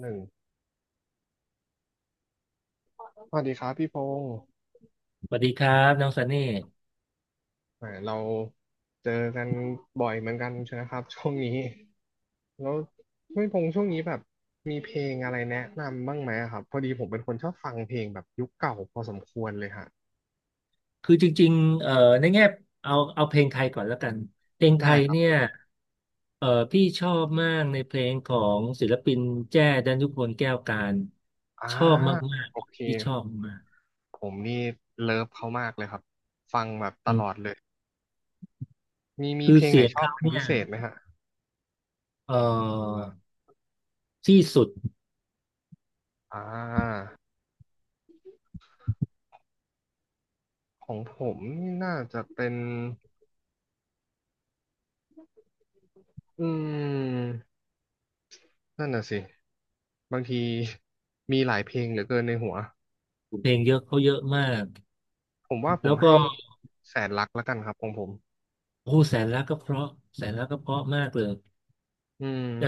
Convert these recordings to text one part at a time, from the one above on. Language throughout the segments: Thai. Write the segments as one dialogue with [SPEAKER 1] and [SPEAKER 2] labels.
[SPEAKER 1] หนึ่งสวัสดีครับพี่พงศ์
[SPEAKER 2] สวัสดีครับน้องซันนี่
[SPEAKER 1] แหมเราเจอกันบ่อยเหมือนกันใช่ไหมครับช่วงนี้แล้วพี่พงศ์ช่วงนี้แบบมีเพลงอะไรแนะนำบ้างไหมอะครับพอดีผมเป็นคนชอบฟังเพลงแบบยุคเก่าพอสมควรเลยฮะ
[SPEAKER 2] คือจริงๆในแง่เอาเพลงไทยก่อนแล้วกันเพลงไท
[SPEAKER 1] ได้
[SPEAKER 2] ย
[SPEAKER 1] ครั
[SPEAKER 2] เนี่ย
[SPEAKER 1] บ
[SPEAKER 2] พี่ชอบมากในเพลงของศิลปินแจ้ดันยุพลแก้วการ
[SPEAKER 1] อ่า
[SPEAKER 2] ชอบมาก
[SPEAKER 1] โอเค
[SPEAKER 2] ๆที่ชอบมาก
[SPEAKER 1] ผมนี่เลิฟเขามากเลยครับฟังแบบต
[SPEAKER 2] อื
[SPEAKER 1] ลอด
[SPEAKER 2] ม
[SPEAKER 1] เลยมี
[SPEAKER 2] คือ
[SPEAKER 1] เพลงไห
[SPEAKER 2] เสี
[SPEAKER 1] น
[SPEAKER 2] ยง
[SPEAKER 1] ชอบ
[SPEAKER 2] เขา
[SPEAKER 1] เป็น
[SPEAKER 2] เนี่
[SPEAKER 1] พิ
[SPEAKER 2] ย
[SPEAKER 1] เศษไหมฮะ
[SPEAKER 2] เอ่อที่สุด
[SPEAKER 1] อ่าของผมนี่น่าจะเป็นอืม นั่นน่ะสิบางที มีหลายเพลงเหลือเกินในหัว
[SPEAKER 2] เพลงเยอะเขาเยอะมาก
[SPEAKER 1] ผมว่าผ
[SPEAKER 2] แล้
[SPEAKER 1] ม
[SPEAKER 2] วก็
[SPEAKER 1] ให้แสนรักแล้วกันครับของผม
[SPEAKER 2] โอ้โหแสนรักก็เพราะแสนรักก็เพราะมากเลย
[SPEAKER 1] อืม
[SPEAKER 2] เออ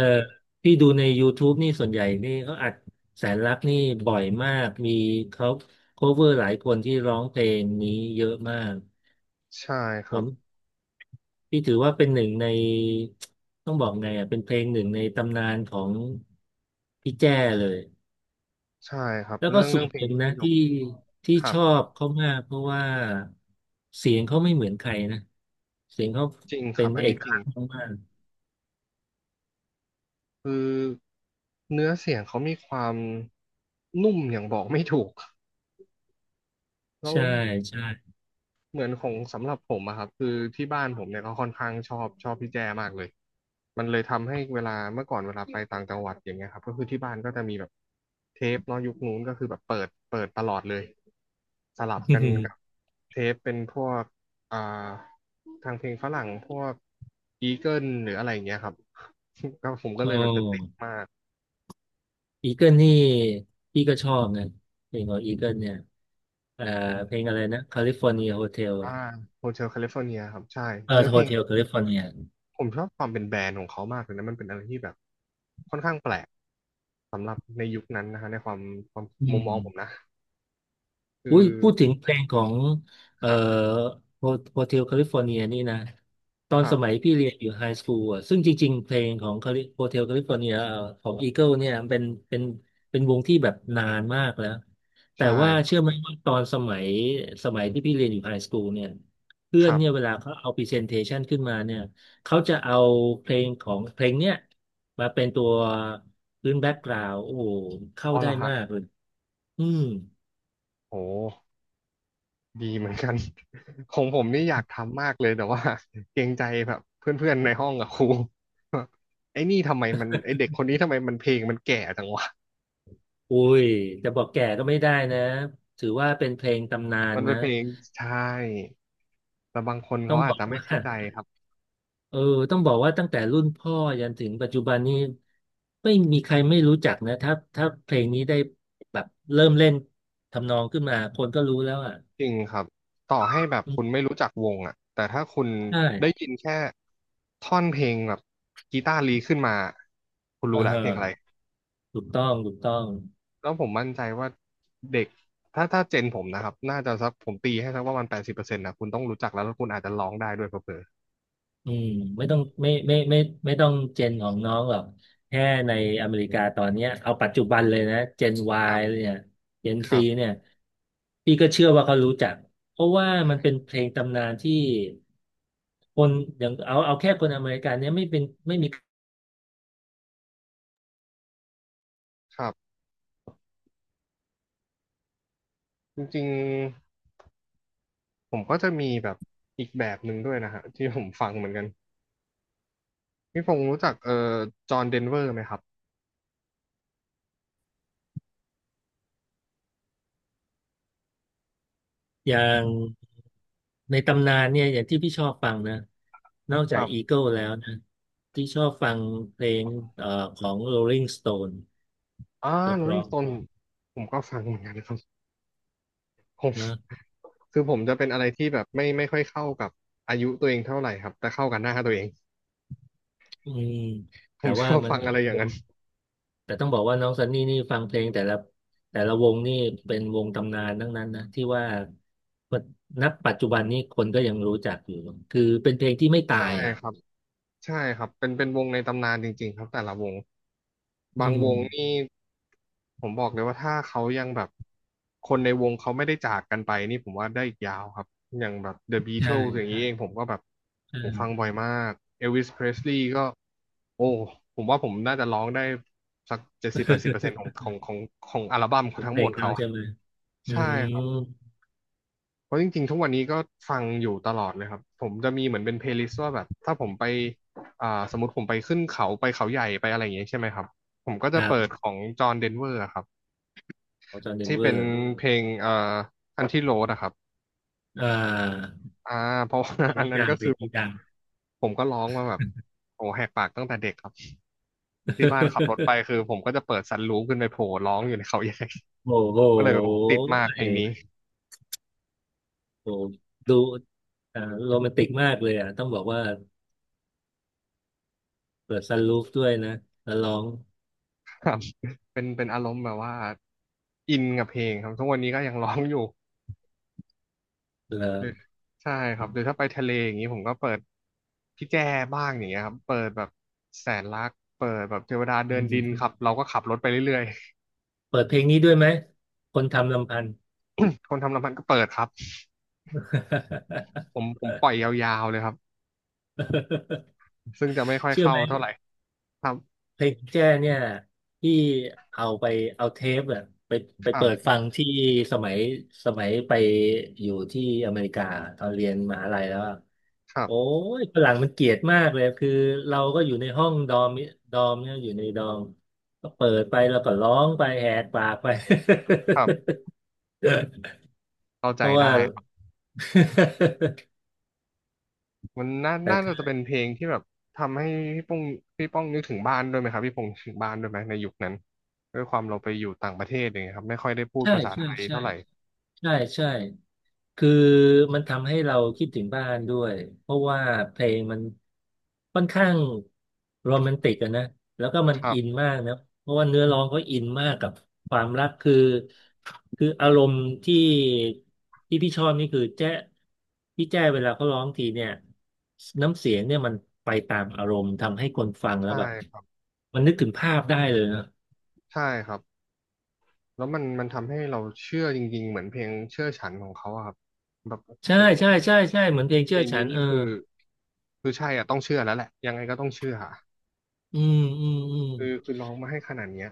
[SPEAKER 2] พี่ดูใน YouTube นี่ส่วนใหญ่นี่เขาอัดแสนรักนี่บ่อยมากมีเขา cover หลายคนที่ร้องเพลงนี้เยอะมาก
[SPEAKER 1] ใช่ค
[SPEAKER 2] ผ
[SPEAKER 1] รับ
[SPEAKER 2] มพี่ถือว่าเป็นหนึ่งในต้องบอกไงอ่ะเป็นเพลงหนึ่งในตำนานของพี่แจ้เลย
[SPEAKER 1] ใช่ครับ
[SPEAKER 2] แล้วก็
[SPEAKER 1] เรื่อง
[SPEAKER 2] ส่
[SPEAKER 1] เรื่อ
[SPEAKER 2] ว
[SPEAKER 1] ง
[SPEAKER 2] น
[SPEAKER 1] เพล
[SPEAKER 2] ห
[SPEAKER 1] ง
[SPEAKER 2] นึ่ง
[SPEAKER 1] นี้ต้
[SPEAKER 2] นะ
[SPEAKER 1] งยก
[SPEAKER 2] ที่
[SPEAKER 1] ครั
[SPEAKER 2] ช
[SPEAKER 1] บ
[SPEAKER 2] อบเขามากเพราะว่าเสียงเขาไม่เหมือนใครนะเสียงเขา
[SPEAKER 1] จริงค
[SPEAKER 2] เป็
[SPEAKER 1] รั
[SPEAKER 2] น
[SPEAKER 1] บอัน
[SPEAKER 2] เอ
[SPEAKER 1] นี้
[SPEAKER 2] ก
[SPEAKER 1] จริ
[SPEAKER 2] ลั
[SPEAKER 1] ง
[SPEAKER 2] กษณ์มาก
[SPEAKER 1] คือเนื้อเสียงเขามีความนุ่มอย่างบอกไม่ถูก
[SPEAKER 2] ๆ
[SPEAKER 1] แล้ว
[SPEAKER 2] ใช่ใช่
[SPEAKER 1] เหมือนของสำหรับผมอะครับคือที่บ้านผมเนี่ยก็ค่อนข้างชอบพี่แจมากเลยมันเลยทำให้เวลาเมื่อก่อนเวลาไปต่างจังหวัดอย่างเงี้ยครับก็คือที่บ้านก็จะมีแบบเทปเนาะยุคนู้นก็คือแบบเปิดตลอดเลยสลับกัน กับเทปเป็นพวกอ่าทางเพลงฝรั่งพวกอีเกิลหรืออะไรอย่างเงี้ยครับ ก็ผมก็เลย
[SPEAKER 2] โอ้
[SPEAKER 1] แบบจะติดมาก
[SPEAKER 2] อีเกิลนี่พี่ก็ชอบนะเพลงของอีเกิลเนี่ยเอ่อเพลงอะไรนะแคลิฟอร์เนียโฮเทล
[SPEAKER 1] อ่า
[SPEAKER 2] อ่ะ
[SPEAKER 1] โฮเทลแคลิฟอร์เนียครับใช่
[SPEAKER 2] เออ
[SPEAKER 1] เนื้อ
[SPEAKER 2] โฮ
[SPEAKER 1] เพลง
[SPEAKER 2] เทลแคลิฟอร์เนีย
[SPEAKER 1] ผมชอบความเป็นแบรนด์ของเขามากเลยนะมันเป็นอะไรที่แบบค่อนข้างแปลกสำหรับในยุคนั้นนะฮะในความความ
[SPEAKER 2] อื
[SPEAKER 1] มุม
[SPEAKER 2] ม
[SPEAKER 1] มองผมนะคื
[SPEAKER 2] อุ้
[SPEAKER 1] อ
[SPEAKER 2] ยพูดถึงเพลงของ
[SPEAKER 1] ค
[SPEAKER 2] เอ่อ
[SPEAKER 1] รับ
[SPEAKER 2] โฮเทลแคลิฟอร์เนียนี่นะตอ
[SPEAKER 1] ค
[SPEAKER 2] น
[SPEAKER 1] รั
[SPEAKER 2] สมัย
[SPEAKER 1] บ
[SPEAKER 2] พี่เรียนอยู่ไฮสคูลอ่ะซึ่งจริงๆเพลงของโฮเทลแคลิฟอร์เนียของอีเกิลเนี่ยเป็นเป็นวงที่แบบนานมากแล้วแต่
[SPEAKER 1] ใช่
[SPEAKER 2] ว่าเชื่อไหมว่าตอนสมัยที่พี่เรียนอยู่ไฮสคูลเนี่ยเพื่
[SPEAKER 1] ค
[SPEAKER 2] อน
[SPEAKER 1] รั
[SPEAKER 2] เนี่ย
[SPEAKER 1] บ
[SPEAKER 2] เวลาเขาเอาพรีเซนเทชันขึ้นมาเนี่ยเขาจะเอาเพลงของเพลงเนี่ยมาเป็นตัวพื้นแบ็กกราวด์โอ้โหเข้า
[SPEAKER 1] อ๋อเหร
[SPEAKER 2] ได้
[SPEAKER 1] อฮะ
[SPEAKER 2] มากเลยอืม
[SPEAKER 1] โหดีเหมือนกัน ของผมนี่อยากทำมากเลยแต่ว่าเกรงใจแบบเพื่อนๆในห้องกับครูว่าไอ้นี่ทำไมมันไอ้เด็กคนนี้ทำไมมันเพลงมันแก่จังวะ
[SPEAKER 2] อุ้ยจะบอกแก่ก็ไม่ได้นะถือว่าเป็นเพลงตำนาน
[SPEAKER 1] มันเป็น
[SPEAKER 2] นะ
[SPEAKER 1] เพลงใช่แต่บางคน
[SPEAKER 2] ต้อ
[SPEAKER 1] เขา
[SPEAKER 2] งบ
[SPEAKER 1] อาจ
[SPEAKER 2] อก
[SPEAKER 1] จะไม่
[SPEAKER 2] ว่า
[SPEAKER 1] เข้าใจครับ
[SPEAKER 2] เออต้องบอกว่าตั้งแต่รุ่นพ่อยันถึงปัจจุบันนี้ไม่มีใครไม่รู้จักนะถ้าเพลงนี้ได้แบบเริ่มเล่นทำนองขึ้นมาคนก็รู้แล้วอ่ะ
[SPEAKER 1] จริงครับต่อให้แบบ
[SPEAKER 2] อื
[SPEAKER 1] คุณ
[SPEAKER 2] ม
[SPEAKER 1] ไม่รู้จักวงอ่ะแต่ถ้าคุณ
[SPEAKER 2] ใช่
[SPEAKER 1] ได้ยินแค่ท่อนเพลงแบบกีตาร์ลีขึ้นมาคุณรู้
[SPEAKER 2] อ่า
[SPEAKER 1] แหละ
[SPEAKER 2] ฮะ
[SPEAKER 1] เพลงอะไร
[SPEAKER 2] ถูกต้องถูกต้อง
[SPEAKER 1] แล้วผมมั่นใจว่าเด็กถ้าเจนผมนะครับน่าจะสักผมตีให้สักประมาณแปดสิบเปอร์เซ็นต์นะคุณต้องรู้จักแล้วคุณอาจจะร้องได้ด้วยเผลอ
[SPEAKER 2] อืมไม่ต้องไม่ต้องเจนของน้องหรอกแค่ในอเมริกาตอนเนี้ยเอาปัจจุบันเลยนะเจน
[SPEAKER 1] ๆครั
[SPEAKER 2] Y
[SPEAKER 1] บ
[SPEAKER 2] เนี่ยเจน
[SPEAKER 1] ค
[SPEAKER 2] C
[SPEAKER 1] รับ
[SPEAKER 2] เนี่ยพี่ก็เชื่อว่าเขารู้จักเพราะว่ามันเป็น
[SPEAKER 1] ใช่
[SPEAKER 2] เพลงตำนานที่คนอย่างเอาแค่คนอเมริกันเนี่ยไม่เป็นไม่มี
[SPEAKER 1] ครับจริงๆผมก็จะมีแบบอีกแบบหนึ่งด้วยนะฮะที่ผมฟังเหมือนกันพี่พงศ์รู้จักจอห์นเดนเวอร์ไหมครับ
[SPEAKER 2] อย่างในตำนานเนี่ยอย่างที่พี่ชอบฟังนะนอก
[SPEAKER 1] ค
[SPEAKER 2] จาก
[SPEAKER 1] รับ
[SPEAKER 2] Eagle แล้วนะที่ชอบฟังเพลงเอ่อของ Rolling Stone
[SPEAKER 1] อ่า
[SPEAKER 2] ก็
[SPEAKER 1] โร
[SPEAKER 2] เพ
[SPEAKER 1] ลิง
[SPEAKER 2] ราะ
[SPEAKER 1] สโตนผมก็ฟังเหมือนกันครับ ผม
[SPEAKER 2] นะ
[SPEAKER 1] คือผมจะเป็นอะไรที่แบบไม่ค่อยเข้ากับอายุตัวเองเท่าไหร่ครับแต่เข้ากับหน้าตัวเอง
[SPEAKER 2] อืม
[SPEAKER 1] ผ
[SPEAKER 2] แต่
[SPEAKER 1] มช
[SPEAKER 2] ว่า
[SPEAKER 1] อบ
[SPEAKER 2] มัน
[SPEAKER 1] ฟังอะไรอย่างนั้น
[SPEAKER 2] แต่ต้องบอกว่าน้องซันนี่นี่ฟังเพลงแต่ละแต่ละวงนี่เป็นวงตำนานทั้งนั้นนะที่ว่านับปัจจุบันนี้คนก็ยังรู้จักอยู่คือเป็นเพลงที่ไม่
[SPEAKER 1] ใช่
[SPEAKER 2] ตายอ่ะ
[SPEAKER 1] ครับ ใช่ครับเป็นวงในตำนานจริงๆครับแต่ละวง
[SPEAKER 2] อื
[SPEAKER 1] บางว
[SPEAKER 2] ม
[SPEAKER 1] งนี่ผมบอกเลยว่าถ้าเขายังแบบ คนในวงเขาไม่ได้จากกันไปนี่ผมว่าได้อีกยาวครับ อย่างแบบ The
[SPEAKER 2] ใช่
[SPEAKER 1] Beatles อย่าง
[SPEAKER 2] ใช่
[SPEAKER 1] นี้เองผมก็แบบ
[SPEAKER 2] ใช่
[SPEAKER 1] ผมฟังบ่อยมาก Elvis Presley ก็ โอ้ ผมว่าผมน่าจะร้องได้สัก70-80%ของอัลบั้มเขา ทั้
[SPEAKER 2] เพ
[SPEAKER 1] งห
[SPEAKER 2] ล
[SPEAKER 1] ม
[SPEAKER 2] ง
[SPEAKER 1] ด
[SPEAKER 2] เขา
[SPEAKER 1] เขา
[SPEAKER 2] ใช่ไหมอื
[SPEAKER 1] ใช่
[SPEAKER 2] ม
[SPEAKER 1] เพราะจริงๆทุกวันนี้ก็ฟังอยู่ตลอดเลยครับ ผมจะมีเหมือนเป็นเพลย์ลิสต์ว่าแบบถ้าผมไปสมมติผมไปขึ้นเขาไปเขาใหญ่ไปอะไรอย่างเงี้ยใช่ไหมครับ ผมก็
[SPEAKER 2] ค
[SPEAKER 1] จะ
[SPEAKER 2] รั
[SPEAKER 1] เปิด
[SPEAKER 2] บ
[SPEAKER 1] ของจอห์นเดนเวอร์ครับ
[SPEAKER 2] ของจอห์นเดน
[SPEAKER 1] ที่
[SPEAKER 2] เว
[SPEAKER 1] เป็
[SPEAKER 2] อ
[SPEAKER 1] น
[SPEAKER 2] ร์
[SPEAKER 1] เพลงอันที่โรดอะครับ
[SPEAKER 2] อ่า
[SPEAKER 1] อ่าเพราะว่า
[SPEAKER 2] เพล ง
[SPEAKER 1] อัน
[SPEAKER 2] นี้
[SPEAKER 1] นั้น
[SPEAKER 2] ดัง
[SPEAKER 1] ก็
[SPEAKER 2] เพล
[SPEAKER 1] คือ
[SPEAKER 2] ง
[SPEAKER 1] ผม
[SPEAKER 2] นี้ดัง
[SPEAKER 1] ก็ร้องมาแบบโอ้แหกปากตั้งแต่เด็กครับที่บ้านขับรถไปคือผมก็จะเปิดสันลูปขึ้นไปโผล่ร้องอยู่ในเขาใหญ่
[SPEAKER 2] โอ้โห
[SPEAKER 1] ก็เลยติดมากเพลงนี้
[SPEAKER 2] เออโอ้ดูอ่าโรแมนติกมากเลยอ่ะต้องบอกว่าเปิดซันรูฟด้วยนะแล้วร้อง
[SPEAKER 1] ครับเป็นอารมณ์แบบว่าอินกับเพลงครับทุกวันนี้ก็ยังร้องอยู่
[SPEAKER 2] เหรอ
[SPEAKER 1] หรือใช่ครับหรือถ้าไปทะเลอย่างนี้ผมก็เปิดพี่แจ้บ้างอย่างเงี้ยครับเปิดแบบแสนรักเปิดแบบเทวดาเดิ
[SPEAKER 2] อื
[SPEAKER 1] นดินครับ
[SPEAKER 2] ม
[SPEAKER 1] เราก็ขับรถไปเรื่อย
[SPEAKER 2] เปิดเพลงนี้ด้วยไหมคนทำลำพันธ์
[SPEAKER 1] ๆ คนทำน้ำมันก็เปิดครับผมปล่อยย าวๆเลยครับซึ่งจะไม่ค่อย
[SPEAKER 2] เชื่อ
[SPEAKER 1] เข้า
[SPEAKER 2] ไหม
[SPEAKER 1] เท่าไหร่ครับ
[SPEAKER 2] เพลงแจ้เนี่ยที่เอาไปเอาเทปอะไป
[SPEAKER 1] ค
[SPEAKER 2] ไป
[SPEAKER 1] รั
[SPEAKER 2] เปิด
[SPEAKER 1] บ
[SPEAKER 2] ฟังที่สมัยไปอยู่ที่อเมริกาตอนเรียนมหาลัยแล้วอะ
[SPEAKER 1] ครั
[SPEAKER 2] โอ้
[SPEAKER 1] บ
[SPEAKER 2] ยฝรั่งมันเกลียดมากเลยคือเราก็อยู่ในห้องดอมเนี่ยอยู่ในดอมก็เปิดไปแล้วก็ร้องไปแหกปากไป
[SPEAKER 1] ครับ เข้า
[SPEAKER 2] เพ
[SPEAKER 1] ใจ
[SPEAKER 2] ราะว่า
[SPEAKER 1] ได้ครับ มัน
[SPEAKER 2] แต่คื
[SPEAKER 1] น่า
[SPEAKER 2] อ
[SPEAKER 1] จะเป็นเพลงที่แบบทำให้พี่ป้องนึกถึงบ้านด้วยไหมครับพี่พงษ์ถึงบ้านด้วยไหมในยุคนั้นด้วยความเราไปอยู่ต่างประเทศอย่างเงี้ยครับไม่ค่อยได้พูด
[SPEAKER 2] ใช่
[SPEAKER 1] ภาษาไท
[SPEAKER 2] ใช่
[SPEAKER 1] ย
[SPEAKER 2] ใช่
[SPEAKER 1] เท่าไหร่
[SPEAKER 2] ใช่ใช่คือมันทำให้เราคิดถึงบ้านด้วยเพราะว่าเพลงมันค่อนข้างโรแมนติกอะนะแล้วก็มัน
[SPEAKER 1] ครั
[SPEAKER 2] อิ
[SPEAKER 1] บ
[SPEAKER 2] นมากนะเพราะว่าเนื้อร้องก็อินมากกับความรักคือคืออารมณ์ที่พี่ชอบนี่คือแจ๊พี่แจ้เวลาเขาร้องทีเนี่ยน้ำเสียงเนี่ยมันไปตามอารมณ์ทำให้คนฟังแล้ว
[SPEAKER 1] ใช่
[SPEAKER 2] แบบ
[SPEAKER 1] ครับ
[SPEAKER 2] มันนึกถึงภาพได้เลยนะ
[SPEAKER 1] ใช่ครับ แล้วมันทำให้เราเชื่อจริงๆเหมือนเพลงเชื่อฉันของเขาอะครับแบบโอ้
[SPEAKER 2] ใช่
[SPEAKER 1] โห
[SPEAKER 2] ใช่ใช่ใช่เหมือนเพลง
[SPEAKER 1] เพ
[SPEAKER 2] เชื่
[SPEAKER 1] ล
[SPEAKER 2] อ
[SPEAKER 1] ง
[SPEAKER 2] ฉั
[SPEAKER 1] นี้
[SPEAKER 2] นเอ
[SPEAKER 1] นี่
[SPEAKER 2] อ
[SPEAKER 1] คือใช่อะต้องเชื่อแล้วแหละยังไงก็ต้องเชื่ออะ
[SPEAKER 2] อืมอืมอืม
[SPEAKER 1] คือร้องมาให้ขนาดเนี้ย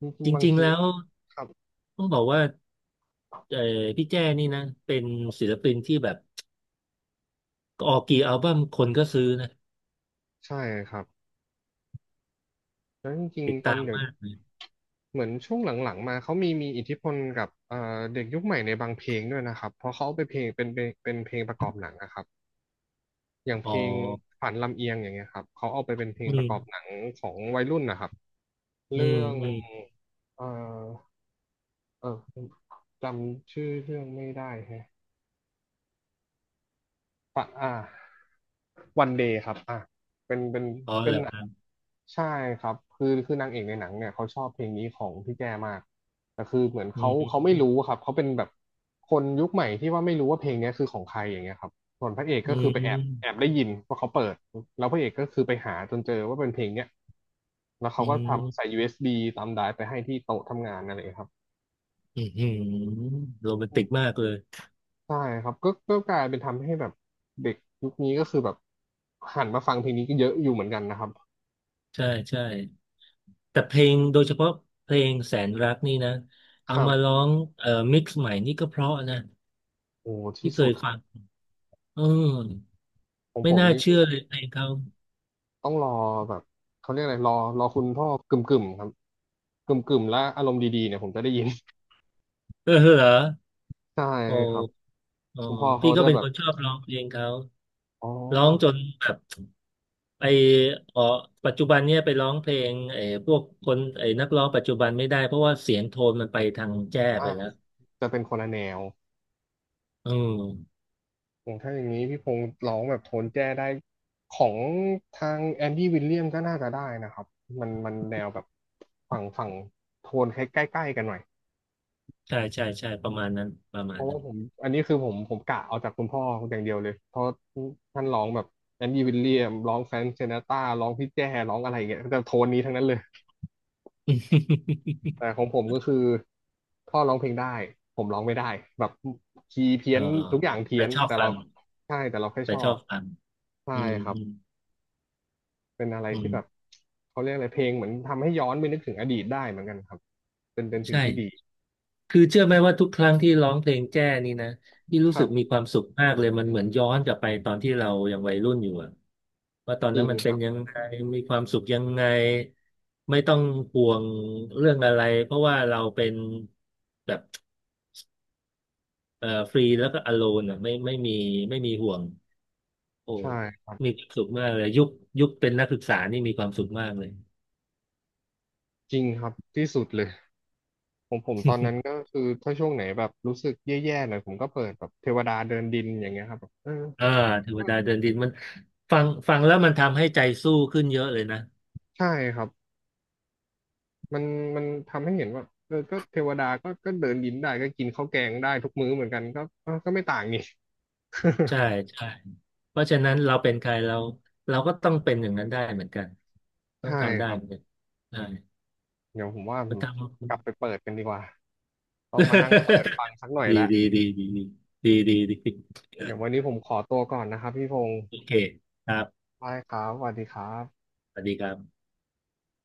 [SPEAKER 1] จริ
[SPEAKER 2] จ
[SPEAKER 1] งๆบาง
[SPEAKER 2] ริงๆ
[SPEAKER 1] ที
[SPEAKER 2] แล้ว
[SPEAKER 1] ก็ครับ
[SPEAKER 2] ต้องบอกว่าเออพี่แจ้นี่นะเป็นศิลปินที่แบบออกกี่อัลบั้มคนก็ซื้อนะ
[SPEAKER 1] ใช่ครับแล้วจริง
[SPEAKER 2] ติด
[SPEAKER 1] ๆตอน
[SPEAKER 2] ตาม
[SPEAKER 1] เดี๋ยว
[SPEAKER 2] มาก
[SPEAKER 1] เหมือนช่วงหลังๆมาเขามีอิทธิพลกับเด็กยุคใหม่ในบางเพลงด้วยนะครับเพราะเขาเอาไปเพลงเป็นเพลงประกอบหนังนะครับอย่างเพ
[SPEAKER 2] อ๋อ
[SPEAKER 1] ลงฝันลำเอียงอย่างเงี้ยครับเขาเอาไปเป็นเพลง
[SPEAKER 2] อื
[SPEAKER 1] ประก
[SPEAKER 2] ม
[SPEAKER 1] อบหนังของวัยรุ่นนะครับ
[SPEAKER 2] อื
[SPEAKER 1] เรื่
[SPEAKER 2] ม
[SPEAKER 1] อง
[SPEAKER 2] อืม
[SPEAKER 1] เอ่อ เออจำชื่อเรื่องไม่ได้แฮะอ่ะอ่าวันเดย์ครับอ่าเป็นเป็น
[SPEAKER 2] อ๋อ
[SPEAKER 1] เป็
[SPEAKER 2] เห
[SPEAKER 1] น
[SPEAKER 2] รอ
[SPEAKER 1] หนั
[SPEAKER 2] ค
[SPEAKER 1] ง
[SPEAKER 2] รับ
[SPEAKER 1] ใช่ครับคือนางเอกในหนังเนี่ยเขาชอบเพลงนี้ของพี่แจมากแต่คือเหมือน
[SPEAKER 2] อื
[SPEAKER 1] เขา
[SPEAKER 2] ม
[SPEAKER 1] ไม่รู้ครับเขาเป็นแบบคนยุคใหม่ที่ว่าไม่รู้ว่าเพลงเนี้ยคือของใครอย่างเงี้ยครับส่วนพระเอก
[SPEAKER 2] อื
[SPEAKER 1] ก็คือไปแอบ
[SPEAKER 2] ม
[SPEAKER 1] ได้ยินว่าเขาเปิดแล้วพระเอกก็คือไปหาจนเจอว่าเป็นเพลงเนี้ยแล้วเขา
[SPEAKER 2] อื
[SPEAKER 1] ก็ทำใส่
[SPEAKER 2] ม
[SPEAKER 1] USB ตามไดรฟ์ไปให้ที่โต๊ะทำงานนั่นเองครับ
[SPEAKER 2] อืมอืมโรแมนติกมากเลย
[SPEAKER 1] ใช่ครับก็กลายเป็นทำให้แบบเด็กยุคนี้ก็คือแบบหันมาฟังเพลงนี้ก็เยอะอยู่เหมือนกันนะครับ
[SPEAKER 2] ใช่ใช่แต่เพลงโดยเฉพาะเพลงแสนรักนี่นะ
[SPEAKER 1] ค
[SPEAKER 2] เอา
[SPEAKER 1] รั
[SPEAKER 2] มาร้อ
[SPEAKER 1] บ
[SPEAKER 2] งมิกซ์ใหม่นี่ก็เพราะนะ
[SPEAKER 1] โอ้ที่
[SPEAKER 2] ที่เค
[SPEAKER 1] สุด
[SPEAKER 2] ย
[SPEAKER 1] ครั
[SPEAKER 2] ฟั
[SPEAKER 1] บ
[SPEAKER 2] งอืม
[SPEAKER 1] ของ
[SPEAKER 2] ไม่
[SPEAKER 1] ผม
[SPEAKER 2] น่า
[SPEAKER 1] นี่คื
[SPEAKER 2] เชื่
[SPEAKER 1] อ
[SPEAKER 2] อเลยเพลงเขา
[SPEAKER 1] ต้องรอแบบเขาเรียกอะไรรอคุณพ่อกึ่มกึ่มครับกึ่มกึ่มและอารมณ์ดีๆเนี่ยผมจะได้ยิน
[SPEAKER 2] เออเหรอ
[SPEAKER 1] ใช่
[SPEAKER 2] โอ
[SPEAKER 1] ครับ
[SPEAKER 2] ้ อ๋อ
[SPEAKER 1] คุณพ่อเขา
[SPEAKER 2] พี่ก็
[SPEAKER 1] จะ
[SPEAKER 2] เป็น
[SPEAKER 1] แบ
[SPEAKER 2] ค
[SPEAKER 1] บ
[SPEAKER 2] นชอบร้องเพลงเขา
[SPEAKER 1] อ๋อ
[SPEAKER 2] ร้องจนแบบไปออกปัจจุบันเนี่ยไปร้องเพลงไอ้พวกคนไอ้นักร้องปัจจุบันไม่ได้เพราะว่าเสียงโทนมันไปทางแจ้ไป
[SPEAKER 1] อ่ะ
[SPEAKER 2] แล้ว
[SPEAKER 1] จะเป็นคนละแนว
[SPEAKER 2] อืม
[SPEAKER 1] อย่างถ้าอย่างนี้พี่พงษ์ร้องแบบโทนแจ้ได้ของทางแอนดี้วิลเลียมก็น่าจะได้นะครับมันแนวแบบฝั่งโทนใกล้ๆกันหน่อย
[SPEAKER 2] ใช่ใช่ใช่ประมาณนั้น ประมา
[SPEAKER 1] เพ
[SPEAKER 2] ณ
[SPEAKER 1] ราะ
[SPEAKER 2] นั้
[SPEAKER 1] ว่า
[SPEAKER 2] น
[SPEAKER 1] ผมอันนี้คือผมกะเอาจากคุณพ่ออย่างเดียวเลยเพราะท่านร้องแบบแอนดี้วิลเลียมร้องแฟรงค์ซินาตราร้องพี่แจ้ร้องอะไรอย่างเงี้ยแต่โทนนี้ทั้งนั้นเลย แต่ของผมก็คือพ่อร้องเพลงได้ผมร้องไม่ได้แบบคีย์เพี้
[SPEAKER 2] เอ
[SPEAKER 1] ย
[SPEAKER 2] อ
[SPEAKER 1] นทุกอย่างเพี้
[SPEAKER 2] แต่
[SPEAKER 1] ยน
[SPEAKER 2] ชอบ
[SPEAKER 1] แต่
[SPEAKER 2] ฟั
[SPEAKER 1] เรา
[SPEAKER 2] ง
[SPEAKER 1] ใช่แต่เราแค่
[SPEAKER 2] แต่
[SPEAKER 1] ชอ
[SPEAKER 2] ชอ
[SPEAKER 1] บ
[SPEAKER 2] บฟัง
[SPEAKER 1] ใช่
[SPEAKER 2] อืม
[SPEAKER 1] ครับ
[SPEAKER 2] อืม
[SPEAKER 1] เป็นอะไร
[SPEAKER 2] อื
[SPEAKER 1] ที่แบบ
[SPEAKER 2] ม
[SPEAKER 1] เขาเรียกอะไรเพลงเหมือนทำให้ย้อนไปนึกถึงอดีตได้เหมือนกันครับเป็น
[SPEAKER 2] ใ
[SPEAKER 1] สิ่งที่ดี
[SPEAKER 2] ช่ คือเชื่อไหมว่าทุกครั้งที่ร้องเพลงแจ้นี่นะที่
[SPEAKER 1] ค
[SPEAKER 2] รู้สึ
[SPEAKER 1] รั
[SPEAKER 2] กมี
[SPEAKER 1] บ
[SPEAKER 2] ความสุขมากเลยมันเหมือนย้อนกลับไปตอนที่เรายังวัยรุ่นอยู่อะว่าตอน
[SPEAKER 1] จริ
[SPEAKER 2] นั้น
[SPEAKER 1] ง
[SPEAKER 2] มัน
[SPEAKER 1] ค
[SPEAKER 2] เป็น
[SPEAKER 1] รับ
[SPEAKER 2] ยังไงมีความสุขยังไงไม่ต้องห่วงเรื่องอะไรเพราะว่าเราเป็นแบบฟรีแล้วก็อโลนอะไม่มีห่วงโอ้
[SPEAKER 1] ใช่ครั
[SPEAKER 2] มี
[SPEAKER 1] บ
[SPEAKER 2] ความสุขมากเลยยุคเป็นนักศึกษานี่มีความสุขมากเลย
[SPEAKER 1] จริงครับที่สุดเลย ผมตอนนั้นก็คือถ้าช่วงไหนแบบรู้สึกแย่ๆหน่อยผมก็เปิดแบบเทวดาเดินดินอย่างเงี้ยครับแบบเออ
[SPEAKER 2] อ่าเทวดาเดินดินมันฟังแล้วมันทำให้ใจสู้ขึ้นเยอะเลยนะ
[SPEAKER 1] ใช่ครับมันทำให้เห็นว่าเออก็เทวดาก็เดินดินได้ก็กินข้าวแกงได้ทุกมื้อเหมือนกันก็เออก็ไม่ต่างนี่
[SPEAKER 2] ใช่ใช่เพราะฉะนั้นเราเป็นใครเราก็ต้องเป็นอย่างนั้นได้เหมือนกันต้อง
[SPEAKER 1] ใช่
[SPEAKER 2] ทำได้
[SPEAKER 1] ครับ
[SPEAKER 2] เหมือนกันใช่
[SPEAKER 1] เดี๋ยวผมว่าผ
[SPEAKER 2] มัน
[SPEAKER 1] ม
[SPEAKER 2] ทำ
[SPEAKER 1] กลับไปเปิดกันดีกว่าต้องมานั่งเปิดฟั งสักหน่อย
[SPEAKER 2] ดี
[SPEAKER 1] แล้ว
[SPEAKER 2] ดีดีดีดีดีดีดี
[SPEAKER 1] เดี๋ยววันนี้ผมขอตัวก่อนนะครับพี่พงศ์
[SPEAKER 2] โอเคครับ
[SPEAKER 1] ได้ครับสวัสดีครับ
[SPEAKER 2] สวัสดีครับ